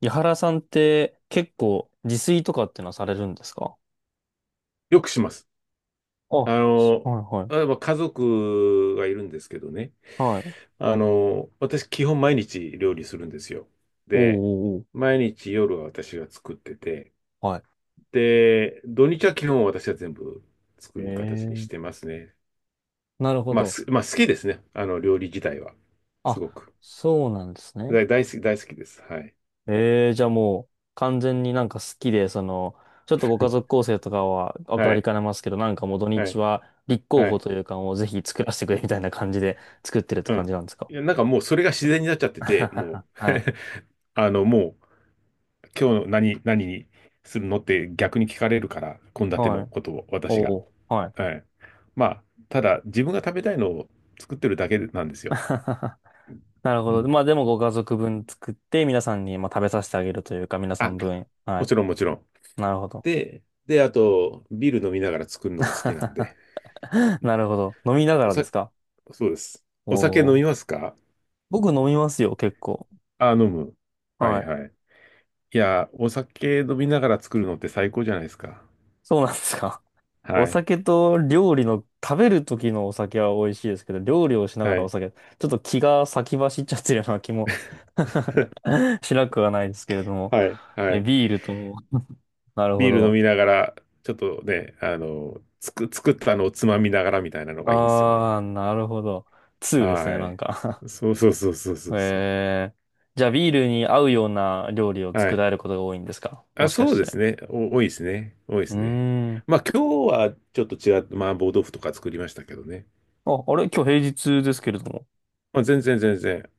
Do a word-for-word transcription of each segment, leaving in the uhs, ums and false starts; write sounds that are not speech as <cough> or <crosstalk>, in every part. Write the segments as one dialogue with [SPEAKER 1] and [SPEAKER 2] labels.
[SPEAKER 1] 井原さんって結構自炊とかってのはされるんですか？
[SPEAKER 2] よくします。
[SPEAKER 1] あ、は
[SPEAKER 2] あ
[SPEAKER 1] い
[SPEAKER 2] の、
[SPEAKER 1] は
[SPEAKER 2] 例え
[SPEAKER 1] い。
[SPEAKER 2] ば家族がいるんですけどね。
[SPEAKER 1] はい。
[SPEAKER 2] あの、私基本毎日料理するんですよ。
[SPEAKER 1] おう
[SPEAKER 2] で、
[SPEAKER 1] おうおう。
[SPEAKER 2] 毎日夜は私が作ってて、
[SPEAKER 1] はい。
[SPEAKER 2] で、土日は基本私は全部作
[SPEAKER 1] え
[SPEAKER 2] る形にして
[SPEAKER 1] え、
[SPEAKER 2] ますね。
[SPEAKER 1] なるほ
[SPEAKER 2] まあ、
[SPEAKER 1] ど。
[SPEAKER 2] す、まあ好きですね。あの、料理自体は。すご
[SPEAKER 1] あ、
[SPEAKER 2] く。
[SPEAKER 1] そうなんですね。
[SPEAKER 2] 大、大好き、大好きです。はい。
[SPEAKER 1] ええ、じゃあもう完全になんか好きで、その、ちょっとご家族
[SPEAKER 2] <laughs>
[SPEAKER 1] 構成とかは分か
[SPEAKER 2] は
[SPEAKER 1] り
[SPEAKER 2] い。
[SPEAKER 1] かねますけど、なんかもう土
[SPEAKER 2] は
[SPEAKER 1] 日
[SPEAKER 2] い。
[SPEAKER 1] は立候
[SPEAKER 2] は
[SPEAKER 1] 補
[SPEAKER 2] い。
[SPEAKER 1] というかもうぜひ作らせてくれみたいな感じで作ってるって
[SPEAKER 2] う
[SPEAKER 1] 感じ
[SPEAKER 2] ん。
[SPEAKER 1] なんですか？
[SPEAKER 2] いや、なんかもうそれが自然になっちゃってて、も
[SPEAKER 1] <laughs>
[SPEAKER 2] う
[SPEAKER 1] はい。
[SPEAKER 2] <laughs> あの、もう、今日何、何にするのって逆に聞かれるから、献
[SPEAKER 1] <laughs>
[SPEAKER 2] 立
[SPEAKER 1] は
[SPEAKER 2] の
[SPEAKER 1] い。
[SPEAKER 2] ことを私が。
[SPEAKER 1] おうおう。はい。
[SPEAKER 2] はい。まあ、ただ自分が食べたいのを作ってるだけなんですよ。
[SPEAKER 1] <laughs> なる
[SPEAKER 2] う
[SPEAKER 1] ほど。
[SPEAKER 2] ん。
[SPEAKER 1] まあでもご家族分作って皆さんにまあ食べさせてあげるというか皆さ
[SPEAKER 2] あ、
[SPEAKER 1] ん分。は
[SPEAKER 2] も
[SPEAKER 1] い。
[SPEAKER 2] ちろんもちろん。
[SPEAKER 1] なるほど。
[SPEAKER 2] で、で、あと、ビール飲みながら作るのが好きなん
[SPEAKER 1] <laughs>
[SPEAKER 2] で。
[SPEAKER 1] なるほど。飲みなが
[SPEAKER 2] お
[SPEAKER 1] らで
[SPEAKER 2] さ、
[SPEAKER 1] すか？
[SPEAKER 2] そうです。お酒飲
[SPEAKER 1] お
[SPEAKER 2] み
[SPEAKER 1] ー。
[SPEAKER 2] ますか？
[SPEAKER 1] 僕飲みますよ、結構。
[SPEAKER 2] あ、飲む。は
[SPEAKER 1] は
[SPEAKER 2] い
[SPEAKER 1] い。
[SPEAKER 2] はい。いや、お酒飲みながら作るのって最高じゃないですか。
[SPEAKER 1] そうなんですか？<laughs> お
[SPEAKER 2] はい。
[SPEAKER 1] 酒と料理の、食べる時のお酒は美味しいですけど、料理をしなが
[SPEAKER 2] は
[SPEAKER 1] らお
[SPEAKER 2] い。
[SPEAKER 1] 酒、ちょっと気が先走っちゃってるような気も
[SPEAKER 2] <laughs>
[SPEAKER 1] <laughs> しなくはないですけれども。
[SPEAKER 2] はい。は
[SPEAKER 1] え、
[SPEAKER 2] い。
[SPEAKER 1] ビールとも。<laughs> なるほ
[SPEAKER 2] ビール飲
[SPEAKER 1] ど。
[SPEAKER 2] みながら、ちょっとね、あの、つく、作ったのをつまみながらみたいなのがいいんですよね。
[SPEAKER 1] あー、なるほど。ツーですね、
[SPEAKER 2] は
[SPEAKER 1] なん
[SPEAKER 2] い。
[SPEAKER 1] か
[SPEAKER 2] そうそうそうそうそうそう。
[SPEAKER 1] えー、じゃあビールに合うような料理を
[SPEAKER 2] は
[SPEAKER 1] 作ら
[SPEAKER 2] い。
[SPEAKER 1] れることが多いんですか、も
[SPEAKER 2] あ、
[SPEAKER 1] しか
[SPEAKER 2] そう
[SPEAKER 1] し
[SPEAKER 2] で
[SPEAKER 1] て。
[SPEAKER 2] すね。お、多いですね。多いで
[SPEAKER 1] う
[SPEAKER 2] すね。
[SPEAKER 1] ーん。
[SPEAKER 2] まあ今日はちょっと違って、麻婆豆腐とか作りましたけどね。
[SPEAKER 1] あ、あれ今日平日ですけれども。
[SPEAKER 2] まあ全然全然。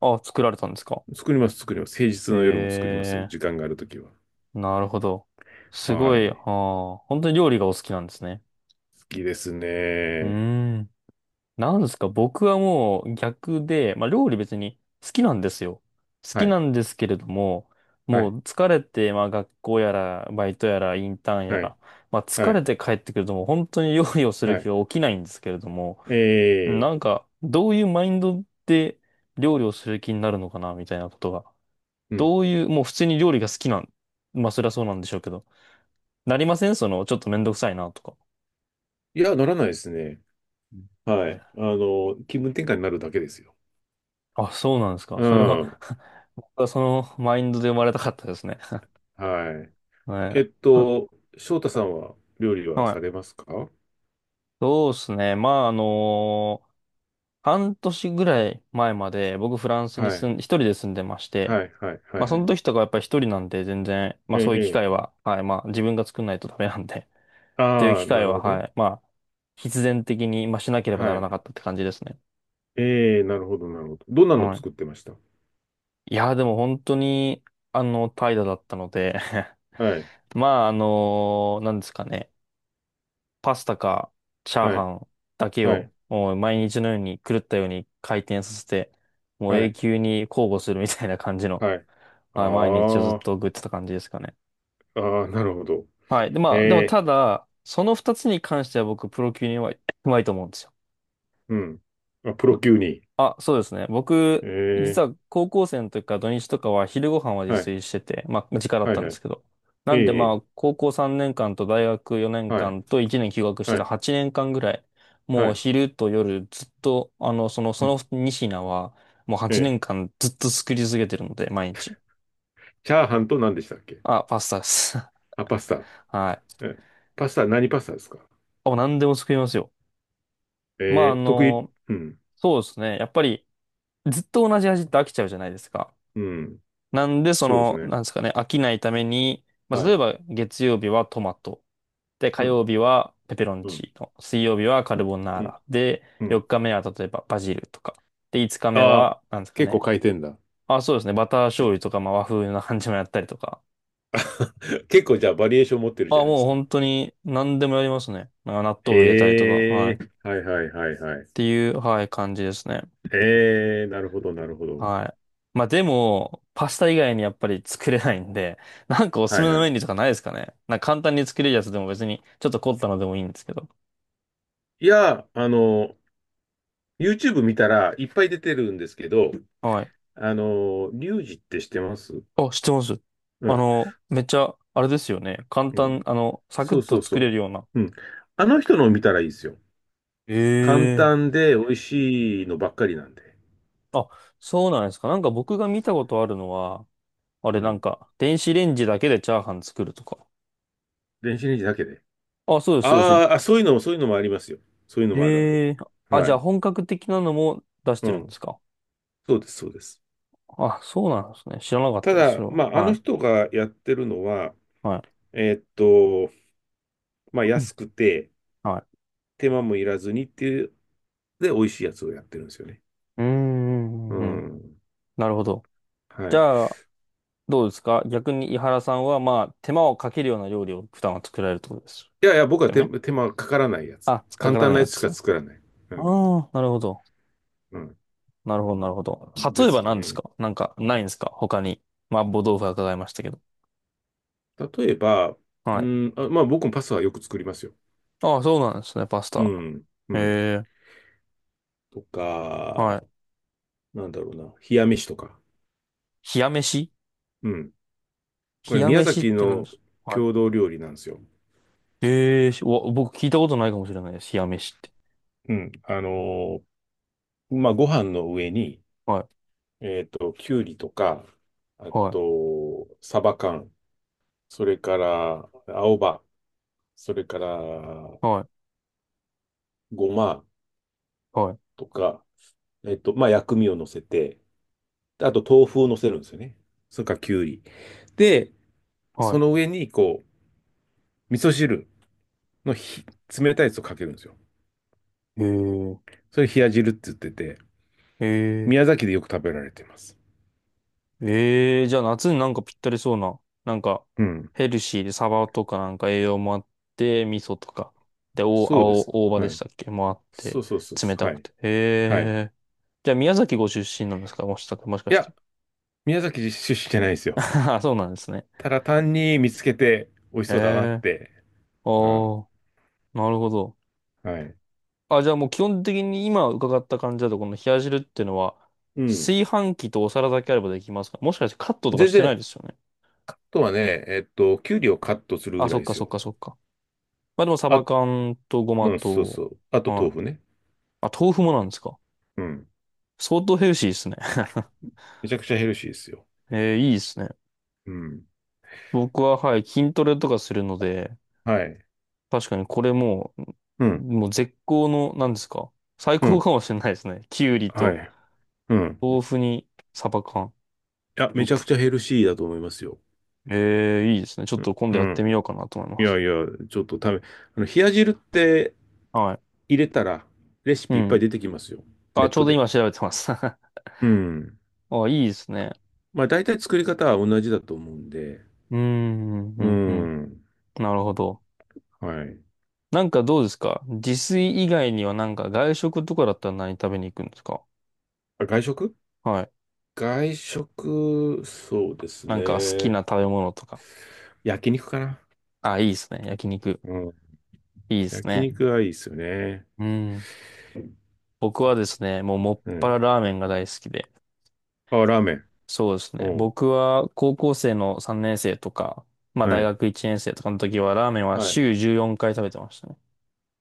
[SPEAKER 1] あ、作られたんですか？
[SPEAKER 2] 作ります、作ります。平日の夜も作りますよ。時
[SPEAKER 1] え
[SPEAKER 2] 間があるときは。
[SPEAKER 1] ー、なるほど。すご
[SPEAKER 2] は
[SPEAKER 1] い、あ
[SPEAKER 2] い。
[SPEAKER 1] ー、本当に料理がお好きなんですね。
[SPEAKER 2] 好きです
[SPEAKER 1] うー
[SPEAKER 2] ね。
[SPEAKER 1] ん。なんですか、僕はもう逆で、まあ料理別に好きなんですよ。好
[SPEAKER 2] は
[SPEAKER 1] き
[SPEAKER 2] い。
[SPEAKER 1] なんですけれども、
[SPEAKER 2] は
[SPEAKER 1] も
[SPEAKER 2] い。
[SPEAKER 1] う疲れて、まあ学校やら、バイトやら、インターンや
[SPEAKER 2] はい。
[SPEAKER 1] ら、まあ疲
[SPEAKER 2] は
[SPEAKER 1] れ
[SPEAKER 2] い。
[SPEAKER 1] て帰ってくるともう本当に料理をす
[SPEAKER 2] は
[SPEAKER 1] る気
[SPEAKER 2] い。
[SPEAKER 1] が起きないんですけれども、
[SPEAKER 2] ええ
[SPEAKER 1] なんかどういうマインドで料理をする気になるのかな、みたいなことが。
[SPEAKER 2] うん。
[SPEAKER 1] どういう、もう普通に料理が好きなん、まあそりゃそうなんでしょうけど、なりませんその、ちょっとめんどくさいなとか。
[SPEAKER 2] いや、ならないですね。はい。あの、気分転換になるだけですよ。
[SPEAKER 1] あ、そうなんですか？
[SPEAKER 2] う
[SPEAKER 1] それは
[SPEAKER 2] ん。
[SPEAKER 1] <laughs> 僕はそのマインドで生まれたかったですね。
[SPEAKER 2] はい。
[SPEAKER 1] <laughs> は
[SPEAKER 2] えっ
[SPEAKER 1] い。<laughs>
[SPEAKER 2] と、翔太さんは料理は
[SPEAKER 1] は
[SPEAKER 2] さ
[SPEAKER 1] い。
[SPEAKER 2] れますか？
[SPEAKER 1] そうですね。まあ、あの半年ぐらい前まで僕フランスに
[SPEAKER 2] はい。
[SPEAKER 1] 住ん、一人で住んでまして、
[SPEAKER 2] はい、はい、は
[SPEAKER 1] まあ
[SPEAKER 2] い、
[SPEAKER 1] そ
[SPEAKER 2] は
[SPEAKER 1] の
[SPEAKER 2] い。
[SPEAKER 1] 時とかやっぱり一人なんで全然、ま
[SPEAKER 2] え
[SPEAKER 1] あ
[SPEAKER 2] え、
[SPEAKER 1] そういう機
[SPEAKER 2] え
[SPEAKER 1] 会
[SPEAKER 2] え。
[SPEAKER 1] は、はい、まあ自分が作んないとダメなんで、<laughs> っていう
[SPEAKER 2] あ
[SPEAKER 1] 機
[SPEAKER 2] あ、な
[SPEAKER 1] 会
[SPEAKER 2] る
[SPEAKER 1] は、
[SPEAKER 2] ほ
[SPEAKER 1] は
[SPEAKER 2] ど。
[SPEAKER 1] い、まあ必然的に、まあ、しなければな
[SPEAKER 2] は
[SPEAKER 1] らな
[SPEAKER 2] い。
[SPEAKER 1] かったって感じですね。
[SPEAKER 2] ええ、なるほど、なるほど。どんな
[SPEAKER 1] <laughs>
[SPEAKER 2] の
[SPEAKER 1] はい。
[SPEAKER 2] 作ってました？
[SPEAKER 1] いや、でも本当に、あの、怠惰だったので
[SPEAKER 2] はい、
[SPEAKER 1] <laughs> まあ、あのなんですかね。パスタかチャー
[SPEAKER 2] は
[SPEAKER 1] ハ
[SPEAKER 2] い、
[SPEAKER 1] ンだけ
[SPEAKER 2] は
[SPEAKER 1] を
[SPEAKER 2] い、
[SPEAKER 1] もう毎日のように狂ったように回転させて、もう
[SPEAKER 2] は
[SPEAKER 1] 永
[SPEAKER 2] い、
[SPEAKER 1] 久に交互するみたいな感じの、
[SPEAKER 2] はい。あ
[SPEAKER 1] はい、毎日をずっ
[SPEAKER 2] あ、
[SPEAKER 1] と送ってた感じですかね。
[SPEAKER 2] ああ、なるほど。
[SPEAKER 1] はい。で、
[SPEAKER 2] え
[SPEAKER 1] まあ、でもた
[SPEAKER 2] え、
[SPEAKER 1] だ、その二つに関しては僕、プロ級にうまい、うまいと思うんですよ。
[SPEAKER 2] うん。あ、プロ級に。
[SPEAKER 1] あ、そうですね。僕、
[SPEAKER 2] え
[SPEAKER 1] 実
[SPEAKER 2] え、
[SPEAKER 1] は高校生の時から土日とかは昼ご飯は自
[SPEAKER 2] はい、
[SPEAKER 1] 炊してて、まあ、時間だっ
[SPEAKER 2] は
[SPEAKER 1] た
[SPEAKER 2] い、
[SPEAKER 1] んで
[SPEAKER 2] はい。
[SPEAKER 1] すけど。な
[SPEAKER 2] え
[SPEAKER 1] んでま
[SPEAKER 2] え、
[SPEAKER 1] あ、高校さんねんかんと大学4
[SPEAKER 2] は
[SPEAKER 1] 年
[SPEAKER 2] い、
[SPEAKER 1] 間といちねん休学して
[SPEAKER 2] は
[SPEAKER 1] た
[SPEAKER 2] い、
[SPEAKER 1] はちねんかんぐらい、
[SPEAKER 2] は
[SPEAKER 1] もう
[SPEAKER 2] い。
[SPEAKER 1] 昼と夜ずっと、あの、その、そ
[SPEAKER 2] うん
[SPEAKER 1] のにひん品は、もう
[SPEAKER 2] え
[SPEAKER 1] 8
[SPEAKER 2] え、
[SPEAKER 1] 年間ずっと作り続けてるので、毎日。
[SPEAKER 2] チャーハンと何でしたっけ？
[SPEAKER 1] あ、パスタです。
[SPEAKER 2] あ、パスタ。
[SPEAKER 1] <laughs> はい。
[SPEAKER 2] え、パスタ、何パスタですか？
[SPEAKER 1] あ、何でも作りますよ。まあ、あ
[SPEAKER 2] えー、得意。
[SPEAKER 1] の、
[SPEAKER 2] うん。
[SPEAKER 1] そうですね。やっぱり、ずっと同じ味って飽きちゃうじゃないですか。
[SPEAKER 2] うん。
[SPEAKER 1] なんで、そ
[SPEAKER 2] そうです
[SPEAKER 1] の、
[SPEAKER 2] ね。
[SPEAKER 1] なんですかね、飽きないために、まあ、
[SPEAKER 2] は
[SPEAKER 1] 例え
[SPEAKER 2] い。
[SPEAKER 1] ば月曜日はトマト。で、火
[SPEAKER 2] うん。
[SPEAKER 1] 曜日はペペロン
[SPEAKER 2] うん。
[SPEAKER 1] チーノ。水曜日はカルボナー
[SPEAKER 2] うん。
[SPEAKER 1] ラ。で、
[SPEAKER 2] うん。
[SPEAKER 1] よっかめは例えばバジルとか。で、いつかめ
[SPEAKER 2] ああ、
[SPEAKER 1] は、なんですか
[SPEAKER 2] 結構
[SPEAKER 1] ね。
[SPEAKER 2] 変えてんだ。
[SPEAKER 1] あ、そうですね。バター醤油とか、まあ、和風な感じもやったりとか。
[SPEAKER 2] <laughs> 結構じゃあバリエーション持ってる
[SPEAKER 1] あ、
[SPEAKER 2] じゃないで
[SPEAKER 1] もう
[SPEAKER 2] すか。
[SPEAKER 1] 本当に何でもやりますね。まあ納豆を入れたりとか。は
[SPEAKER 2] え
[SPEAKER 1] い。っ
[SPEAKER 2] えはいはいはいはい。
[SPEAKER 1] ていう、はい、感じですね。
[SPEAKER 2] ええなるほどなるほど。
[SPEAKER 1] はい。まあでも、パスタ以外にやっぱり作れないんで、<laughs> なんかおすす
[SPEAKER 2] は
[SPEAKER 1] め
[SPEAKER 2] い
[SPEAKER 1] の
[SPEAKER 2] は
[SPEAKER 1] メ
[SPEAKER 2] い。
[SPEAKER 1] ニューとかないですかね。なんか簡単に作れるやつでも別に、ちょっと凝ったのでもいいんですけど。
[SPEAKER 2] いや、あの、YouTube 見たらいっぱい出てるんですけど、
[SPEAKER 1] はい。
[SPEAKER 2] あの、リュウジって知ってます？
[SPEAKER 1] あ、知ってます。
[SPEAKER 2] う
[SPEAKER 1] あ
[SPEAKER 2] ん。
[SPEAKER 1] の、めっちゃ、あれですよね。簡
[SPEAKER 2] うん。
[SPEAKER 1] 単、あの、サク
[SPEAKER 2] そ
[SPEAKER 1] ッ
[SPEAKER 2] うそ
[SPEAKER 1] と
[SPEAKER 2] う
[SPEAKER 1] 作れ
[SPEAKER 2] そ
[SPEAKER 1] るような。
[SPEAKER 2] う。うん。あの人のを見たらいいですよ。
[SPEAKER 1] え
[SPEAKER 2] 簡
[SPEAKER 1] え。
[SPEAKER 2] 単で美味しいのばっかりなんで。
[SPEAKER 1] あ、そうなんですか？なんか僕が見たことあるのは、あれ
[SPEAKER 2] う
[SPEAKER 1] なん
[SPEAKER 2] ん。
[SPEAKER 1] か、電子レンジだけでチャーハン作るとか。
[SPEAKER 2] 電子レンジだけで。
[SPEAKER 1] あ、そうです、そうで
[SPEAKER 2] あ
[SPEAKER 1] す。
[SPEAKER 2] ーあ、そういうのも、そういうのもありますよ。そういうのもあるある。
[SPEAKER 1] ええ。あ、
[SPEAKER 2] は
[SPEAKER 1] じゃあ
[SPEAKER 2] い。
[SPEAKER 1] 本格的なのも出し
[SPEAKER 2] う
[SPEAKER 1] てるんで
[SPEAKER 2] ん。
[SPEAKER 1] すか？
[SPEAKER 2] そうです、そうです。
[SPEAKER 1] あ、そうなんですね。知らなかっ
[SPEAKER 2] た
[SPEAKER 1] たです、そ
[SPEAKER 2] だ、
[SPEAKER 1] れは。
[SPEAKER 2] まあ、あ
[SPEAKER 1] は
[SPEAKER 2] の
[SPEAKER 1] い。
[SPEAKER 2] 人がやってるのは、
[SPEAKER 1] は
[SPEAKER 2] えーっと、まあ、
[SPEAKER 1] い。うん、
[SPEAKER 2] 安くて、
[SPEAKER 1] はい。
[SPEAKER 2] 手間もいらずにっていう、で、美味しいやつをやってるんですよね。
[SPEAKER 1] うーん、う
[SPEAKER 2] う
[SPEAKER 1] んうん、
[SPEAKER 2] ん。
[SPEAKER 1] なるほど。
[SPEAKER 2] は
[SPEAKER 1] じ
[SPEAKER 2] い。
[SPEAKER 1] ゃあ、どうですか、逆に井原さんは、まあ、手間をかけるような料理を普段は作られるってことです
[SPEAKER 2] いやいや、僕は
[SPEAKER 1] よ
[SPEAKER 2] 手、
[SPEAKER 1] ね？
[SPEAKER 2] 手間かからないやつ。
[SPEAKER 1] あ、つっかか
[SPEAKER 2] 簡
[SPEAKER 1] ら
[SPEAKER 2] 単
[SPEAKER 1] ない
[SPEAKER 2] なや
[SPEAKER 1] や
[SPEAKER 2] つし
[SPEAKER 1] つ。
[SPEAKER 2] か
[SPEAKER 1] あ
[SPEAKER 2] 作らない。うん。
[SPEAKER 1] あ、なるほど。
[SPEAKER 2] うん。
[SPEAKER 1] なるほど、なるほど。
[SPEAKER 2] で
[SPEAKER 1] 例えば
[SPEAKER 2] す
[SPEAKER 1] 何です
[SPEAKER 2] ね。
[SPEAKER 1] か？なんか、ないんですか、他に。麻婆豆腐は伺いましたけど。
[SPEAKER 2] 例えば、
[SPEAKER 1] は
[SPEAKER 2] う
[SPEAKER 1] い。
[SPEAKER 2] ん、あ、まあ僕もパスタはよく作りますよ。
[SPEAKER 1] ああ、そうなんですね、パス
[SPEAKER 2] う
[SPEAKER 1] タ。
[SPEAKER 2] ん、う
[SPEAKER 1] へ
[SPEAKER 2] ん。
[SPEAKER 1] え、
[SPEAKER 2] と
[SPEAKER 1] は
[SPEAKER 2] か、
[SPEAKER 1] い。
[SPEAKER 2] なんだろうな、冷や飯とか。
[SPEAKER 1] 冷や飯。
[SPEAKER 2] うん。こ
[SPEAKER 1] 冷
[SPEAKER 2] れ、
[SPEAKER 1] や
[SPEAKER 2] 宮
[SPEAKER 1] 飯っ
[SPEAKER 2] 崎
[SPEAKER 1] て何で
[SPEAKER 2] の
[SPEAKER 1] すか？はい。
[SPEAKER 2] 郷土料理なんですよ。
[SPEAKER 1] ええ、しわ僕聞いたことないかもしれないです。冷や飯って。
[SPEAKER 2] うん。あのーまあ、ご飯の上に、
[SPEAKER 1] はい、
[SPEAKER 2] えっと、きゅうりとか、あ
[SPEAKER 1] はい、
[SPEAKER 2] と、サバ缶、それから、青葉、それから、
[SPEAKER 1] は
[SPEAKER 2] ごま
[SPEAKER 1] い、はい。
[SPEAKER 2] とか、えっと、まあ、薬味を乗せて、であと、豆腐を乗せるんですよね。それから、きゅうり。で、
[SPEAKER 1] は
[SPEAKER 2] そ
[SPEAKER 1] い、
[SPEAKER 2] の上に、こう、味噌汁のひ冷たいやつをかけるんですよ。
[SPEAKER 1] へえ、
[SPEAKER 2] それ冷や汁って言ってて、
[SPEAKER 1] ええ、
[SPEAKER 2] 宮崎でよく食べられています。
[SPEAKER 1] ええ、じゃあ夏になんかぴったりそうな、なんか
[SPEAKER 2] うん。
[SPEAKER 1] ヘルシーでサバとかなんか栄養もあって、味噌とか、で、お、
[SPEAKER 2] そうです。
[SPEAKER 1] 青、大葉
[SPEAKER 2] は
[SPEAKER 1] でし
[SPEAKER 2] い。
[SPEAKER 1] たっけもあって、
[SPEAKER 2] そうそうそう
[SPEAKER 1] 冷
[SPEAKER 2] そう。
[SPEAKER 1] た
[SPEAKER 2] は
[SPEAKER 1] く
[SPEAKER 2] い。
[SPEAKER 1] て。
[SPEAKER 2] はい。
[SPEAKER 1] へえ。じゃあ宮崎ご出身なんですか、もしか、もしか
[SPEAKER 2] い
[SPEAKER 1] して。
[SPEAKER 2] や、宮崎出身じゃないです
[SPEAKER 1] <laughs>
[SPEAKER 2] よ。
[SPEAKER 1] あそうなんですね。
[SPEAKER 2] ただ単に見つけて美味し
[SPEAKER 1] へ
[SPEAKER 2] そうだなっ
[SPEAKER 1] え。
[SPEAKER 2] て。
[SPEAKER 1] あ
[SPEAKER 2] うん。
[SPEAKER 1] あ、なるほど。
[SPEAKER 2] はい。
[SPEAKER 1] あ、じゃあもう基本的に今伺った感じだと、この冷や汁っていうのは、
[SPEAKER 2] うん。
[SPEAKER 1] 炊飯器とお皿だけあればできますか、もしかして、カットとか
[SPEAKER 2] 全
[SPEAKER 1] してな
[SPEAKER 2] 然、
[SPEAKER 1] いで
[SPEAKER 2] あ
[SPEAKER 1] すよね。
[SPEAKER 2] とはね、えっと、きゅうりをカットする
[SPEAKER 1] あ、
[SPEAKER 2] ぐら
[SPEAKER 1] そ
[SPEAKER 2] い
[SPEAKER 1] っ
[SPEAKER 2] で
[SPEAKER 1] か
[SPEAKER 2] す
[SPEAKER 1] そっ
[SPEAKER 2] よ。
[SPEAKER 1] かそっか。まあでもサバ
[SPEAKER 2] あ、
[SPEAKER 1] 缶とごま
[SPEAKER 2] うん、そう
[SPEAKER 1] と、
[SPEAKER 2] そう。あと豆
[SPEAKER 1] はい。
[SPEAKER 2] 腐ね。
[SPEAKER 1] あ、豆腐もなんですか。
[SPEAKER 2] うん。
[SPEAKER 1] 相当ヘルシーですね。
[SPEAKER 2] めちゃくちゃヘルシーですよ。
[SPEAKER 1] <laughs> えー、いいですね。
[SPEAKER 2] うん。
[SPEAKER 1] 僕は、はい、筋トレとかするので、
[SPEAKER 2] はい。
[SPEAKER 1] 確かにこれも
[SPEAKER 2] う
[SPEAKER 1] う、
[SPEAKER 2] ん。
[SPEAKER 1] もう絶好の、なんですか。最
[SPEAKER 2] う
[SPEAKER 1] 高
[SPEAKER 2] ん。
[SPEAKER 1] かもしれないですね。きゅうり
[SPEAKER 2] は
[SPEAKER 1] と
[SPEAKER 2] い。うん。
[SPEAKER 1] 豆腐にサバ缶。
[SPEAKER 2] いや、
[SPEAKER 1] う
[SPEAKER 2] め
[SPEAKER 1] ん
[SPEAKER 2] ちゃく
[SPEAKER 1] ぷ
[SPEAKER 2] ちゃヘルシーだと思いますよ。
[SPEAKER 1] えー、いいですね。ちょっ
[SPEAKER 2] う
[SPEAKER 1] と今度やっ
[SPEAKER 2] ん。う
[SPEAKER 1] て
[SPEAKER 2] ん
[SPEAKER 1] みようかなと思い
[SPEAKER 2] い
[SPEAKER 1] ま
[SPEAKER 2] や
[SPEAKER 1] す。
[SPEAKER 2] いや、ちょっと食べ、あの、冷や汁って
[SPEAKER 1] はい。
[SPEAKER 2] 入れたら、レシ
[SPEAKER 1] う
[SPEAKER 2] ピいっぱい
[SPEAKER 1] ん。
[SPEAKER 2] 出てきますよ。ネ
[SPEAKER 1] あ、
[SPEAKER 2] ッ
[SPEAKER 1] ちょう
[SPEAKER 2] ト
[SPEAKER 1] ど今
[SPEAKER 2] で。
[SPEAKER 1] 調べてます。<laughs> あ、
[SPEAKER 2] うん。
[SPEAKER 1] いいですね。
[SPEAKER 2] まあ、大体作り方は同じだと思うんで。
[SPEAKER 1] うーん、うん、う
[SPEAKER 2] う
[SPEAKER 1] ん。うん、
[SPEAKER 2] ん。
[SPEAKER 1] なるほど。
[SPEAKER 2] はい。
[SPEAKER 1] なんかどうですか、自炊以外にはなんか外食とかだったら何食べに行くんですか？
[SPEAKER 2] あ、外食
[SPEAKER 1] はい。
[SPEAKER 2] 外食、そうです
[SPEAKER 1] なんか好き
[SPEAKER 2] ね。
[SPEAKER 1] な食べ物とか。
[SPEAKER 2] 焼肉かな。
[SPEAKER 1] あ、いいですね。焼肉。
[SPEAKER 2] うん。
[SPEAKER 1] いいです
[SPEAKER 2] 焼
[SPEAKER 1] ね。
[SPEAKER 2] 肉はいいですよね。
[SPEAKER 1] うん。僕はですね、もうもっ
[SPEAKER 2] う
[SPEAKER 1] ぱら
[SPEAKER 2] ん。
[SPEAKER 1] ラーメンが大好きで。
[SPEAKER 2] あ、ラーメン。
[SPEAKER 1] そうです
[SPEAKER 2] う
[SPEAKER 1] ね。
[SPEAKER 2] ん。
[SPEAKER 1] 僕は高校生のさんねん生とか、まあ
[SPEAKER 2] は
[SPEAKER 1] 大
[SPEAKER 2] い。
[SPEAKER 1] 学いちねん生とかの時はラーメンは
[SPEAKER 2] はい。
[SPEAKER 1] 週じゅうよんかい食べてましたね。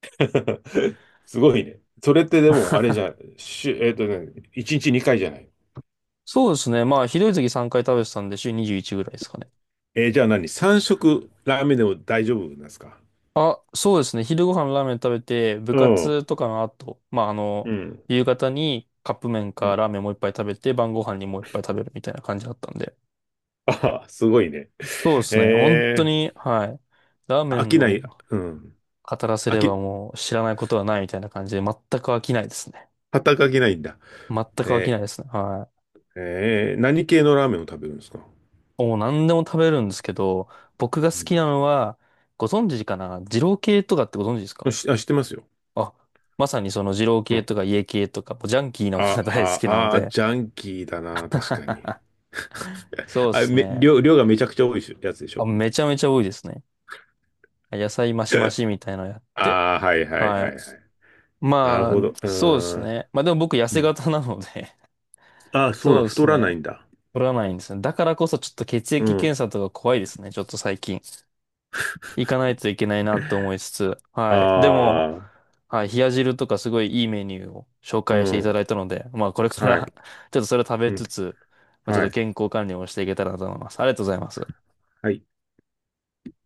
[SPEAKER 2] <laughs> すごいね。それってでも、あれじ
[SPEAKER 1] <laughs>
[SPEAKER 2] ゃん、しゅ、えっとね、いちにちにかいじゃない。
[SPEAKER 1] そうですね。まあひどい時さんかい食べてたんで週にじゅういちぐらいですかね。
[SPEAKER 2] えーじゃあ何？ さん 食ラーメンでも大丈夫なんですか？
[SPEAKER 1] あ、そうですね。昼ご飯ラーメン食べて、部
[SPEAKER 2] うん。う
[SPEAKER 1] 活とかの後、まあ、あの、
[SPEAKER 2] ん。
[SPEAKER 1] 夕方にカップ麺
[SPEAKER 2] う
[SPEAKER 1] か
[SPEAKER 2] ん
[SPEAKER 1] ラーメンもう一杯食べて、晩ご飯にもう一杯食べるみたいな感じだったんで。
[SPEAKER 2] あ、すごいね。
[SPEAKER 1] そうですね。本当
[SPEAKER 2] え
[SPEAKER 1] に、はい。ラー
[SPEAKER 2] ー、
[SPEAKER 1] メ
[SPEAKER 2] 飽
[SPEAKER 1] ン
[SPEAKER 2] きな
[SPEAKER 1] を
[SPEAKER 2] い。うん。
[SPEAKER 1] 語らせ
[SPEAKER 2] 飽
[SPEAKER 1] れば
[SPEAKER 2] き、
[SPEAKER 1] もう知らないことはないみたいな感じで、全く飽きないですね。
[SPEAKER 2] 働き飽きないんだ。
[SPEAKER 1] 全く飽きな
[SPEAKER 2] え
[SPEAKER 1] いですね。は
[SPEAKER 2] ー、えー何系のラーメンを食べるんですか？
[SPEAKER 1] い。もう何でも食べるんですけど、僕が好きなのは、ご存知かな、二郎系とかってご存知です
[SPEAKER 2] うん
[SPEAKER 1] か？
[SPEAKER 2] しあ、知ってますよ。
[SPEAKER 1] あ、まさにその二郎
[SPEAKER 2] う
[SPEAKER 1] 系
[SPEAKER 2] ん。
[SPEAKER 1] とか家系とか、もうジャンキーなものが大好
[SPEAKER 2] あ、
[SPEAKER 1] きなの
[SPEAKER 2] あ、あ、
[SPEAKER 1] で、
[SPEAKER 2] ジャンキーだな、確かに。
[SPEAKER 1] そう
[SPEAKER 2] <laughs>
[SPEAKER 1] で
[SPEAKER 2] あ、
[SPEAKER 1] す
[SPEAKER 2] め、
[SPEAKER 1] ね。
[SPEAKER 2] 量、量がめちゃくちゃ多いしやつでし
[SPEAKER 1] あ、
[SPEAKER 2] ょ？
[SPEAKER 1] めちゃめちゃ多いですね。野菜マシマシみたいなのやって。
[SPEAKER 2] ああー、はいはい
[SPEAKER 1] は
[SPEAKER 2] は
[SPEAKER 1] い。
[SPEAKER 2] いはい。なる
[SPEAKER 1] ま
[SPEAKER 2] ほ
[SPEAKER 1] あ、
[SPEAKER 2] ど。う
[SPEAKER 1] そうです
[SPEAKER 2] ーん。
[SPEAKER 1] ね。まあでも僕痩
[SPEAKER 2] う
[SPEAKER 1] せ
[SPEAKER 2] ん
[SPEAKER 1] 型なので
[SPEAKER 2] ああ、
[SPEAKER 1] <laughs>
[SPEAKER 2] そう
[SPEAKER 1] そ
[SPEAKER 2] なん、
[SPEAKER 1] うで
[SPEAKER 2] 太
[SPEAKER 1] す
[SPEAKER 2] ら
[SPEAKER 1] ね。
[SPEAKER 2] ないんだ。
[SPEAKER 1] 取らないんですね。だからこそちょっと血
[SPEAKER 2] う
[SPEAKER 1] 液検
[SPEAKER 2] ん。
[SPEAKER 1] 査とか怖いですね。ちょっと最近。行かないといけないなと思いつつ。はい。でも、
[SPEAKER 2] ああ、
[SPEAKER 1] はい。冷や汁とかすごいいいメニューを紹
[SPEAKER 2] う
[SPEAKER 1] 介していた
[SPEAKER 2] ん。
[SPEAKER 1] だいたので、まあこれか
[SPEAKER 2] はい。
[SPEAKER 1] ら <laughs> ちょっとそれを食
[SPEAKER 2] う
[SPEAKER 1] べ
[SPEAKER 2] ん。
[SPEAKER 1] つつ、まあちょっ
[SPEAKER 2] は
[SPEAKER 1] と
[SPEAKER 2] い。
[SPEAKER 1] 健康管理をしていけたらなと思います。ありがとうございます。
[SPEAKER 2] はい。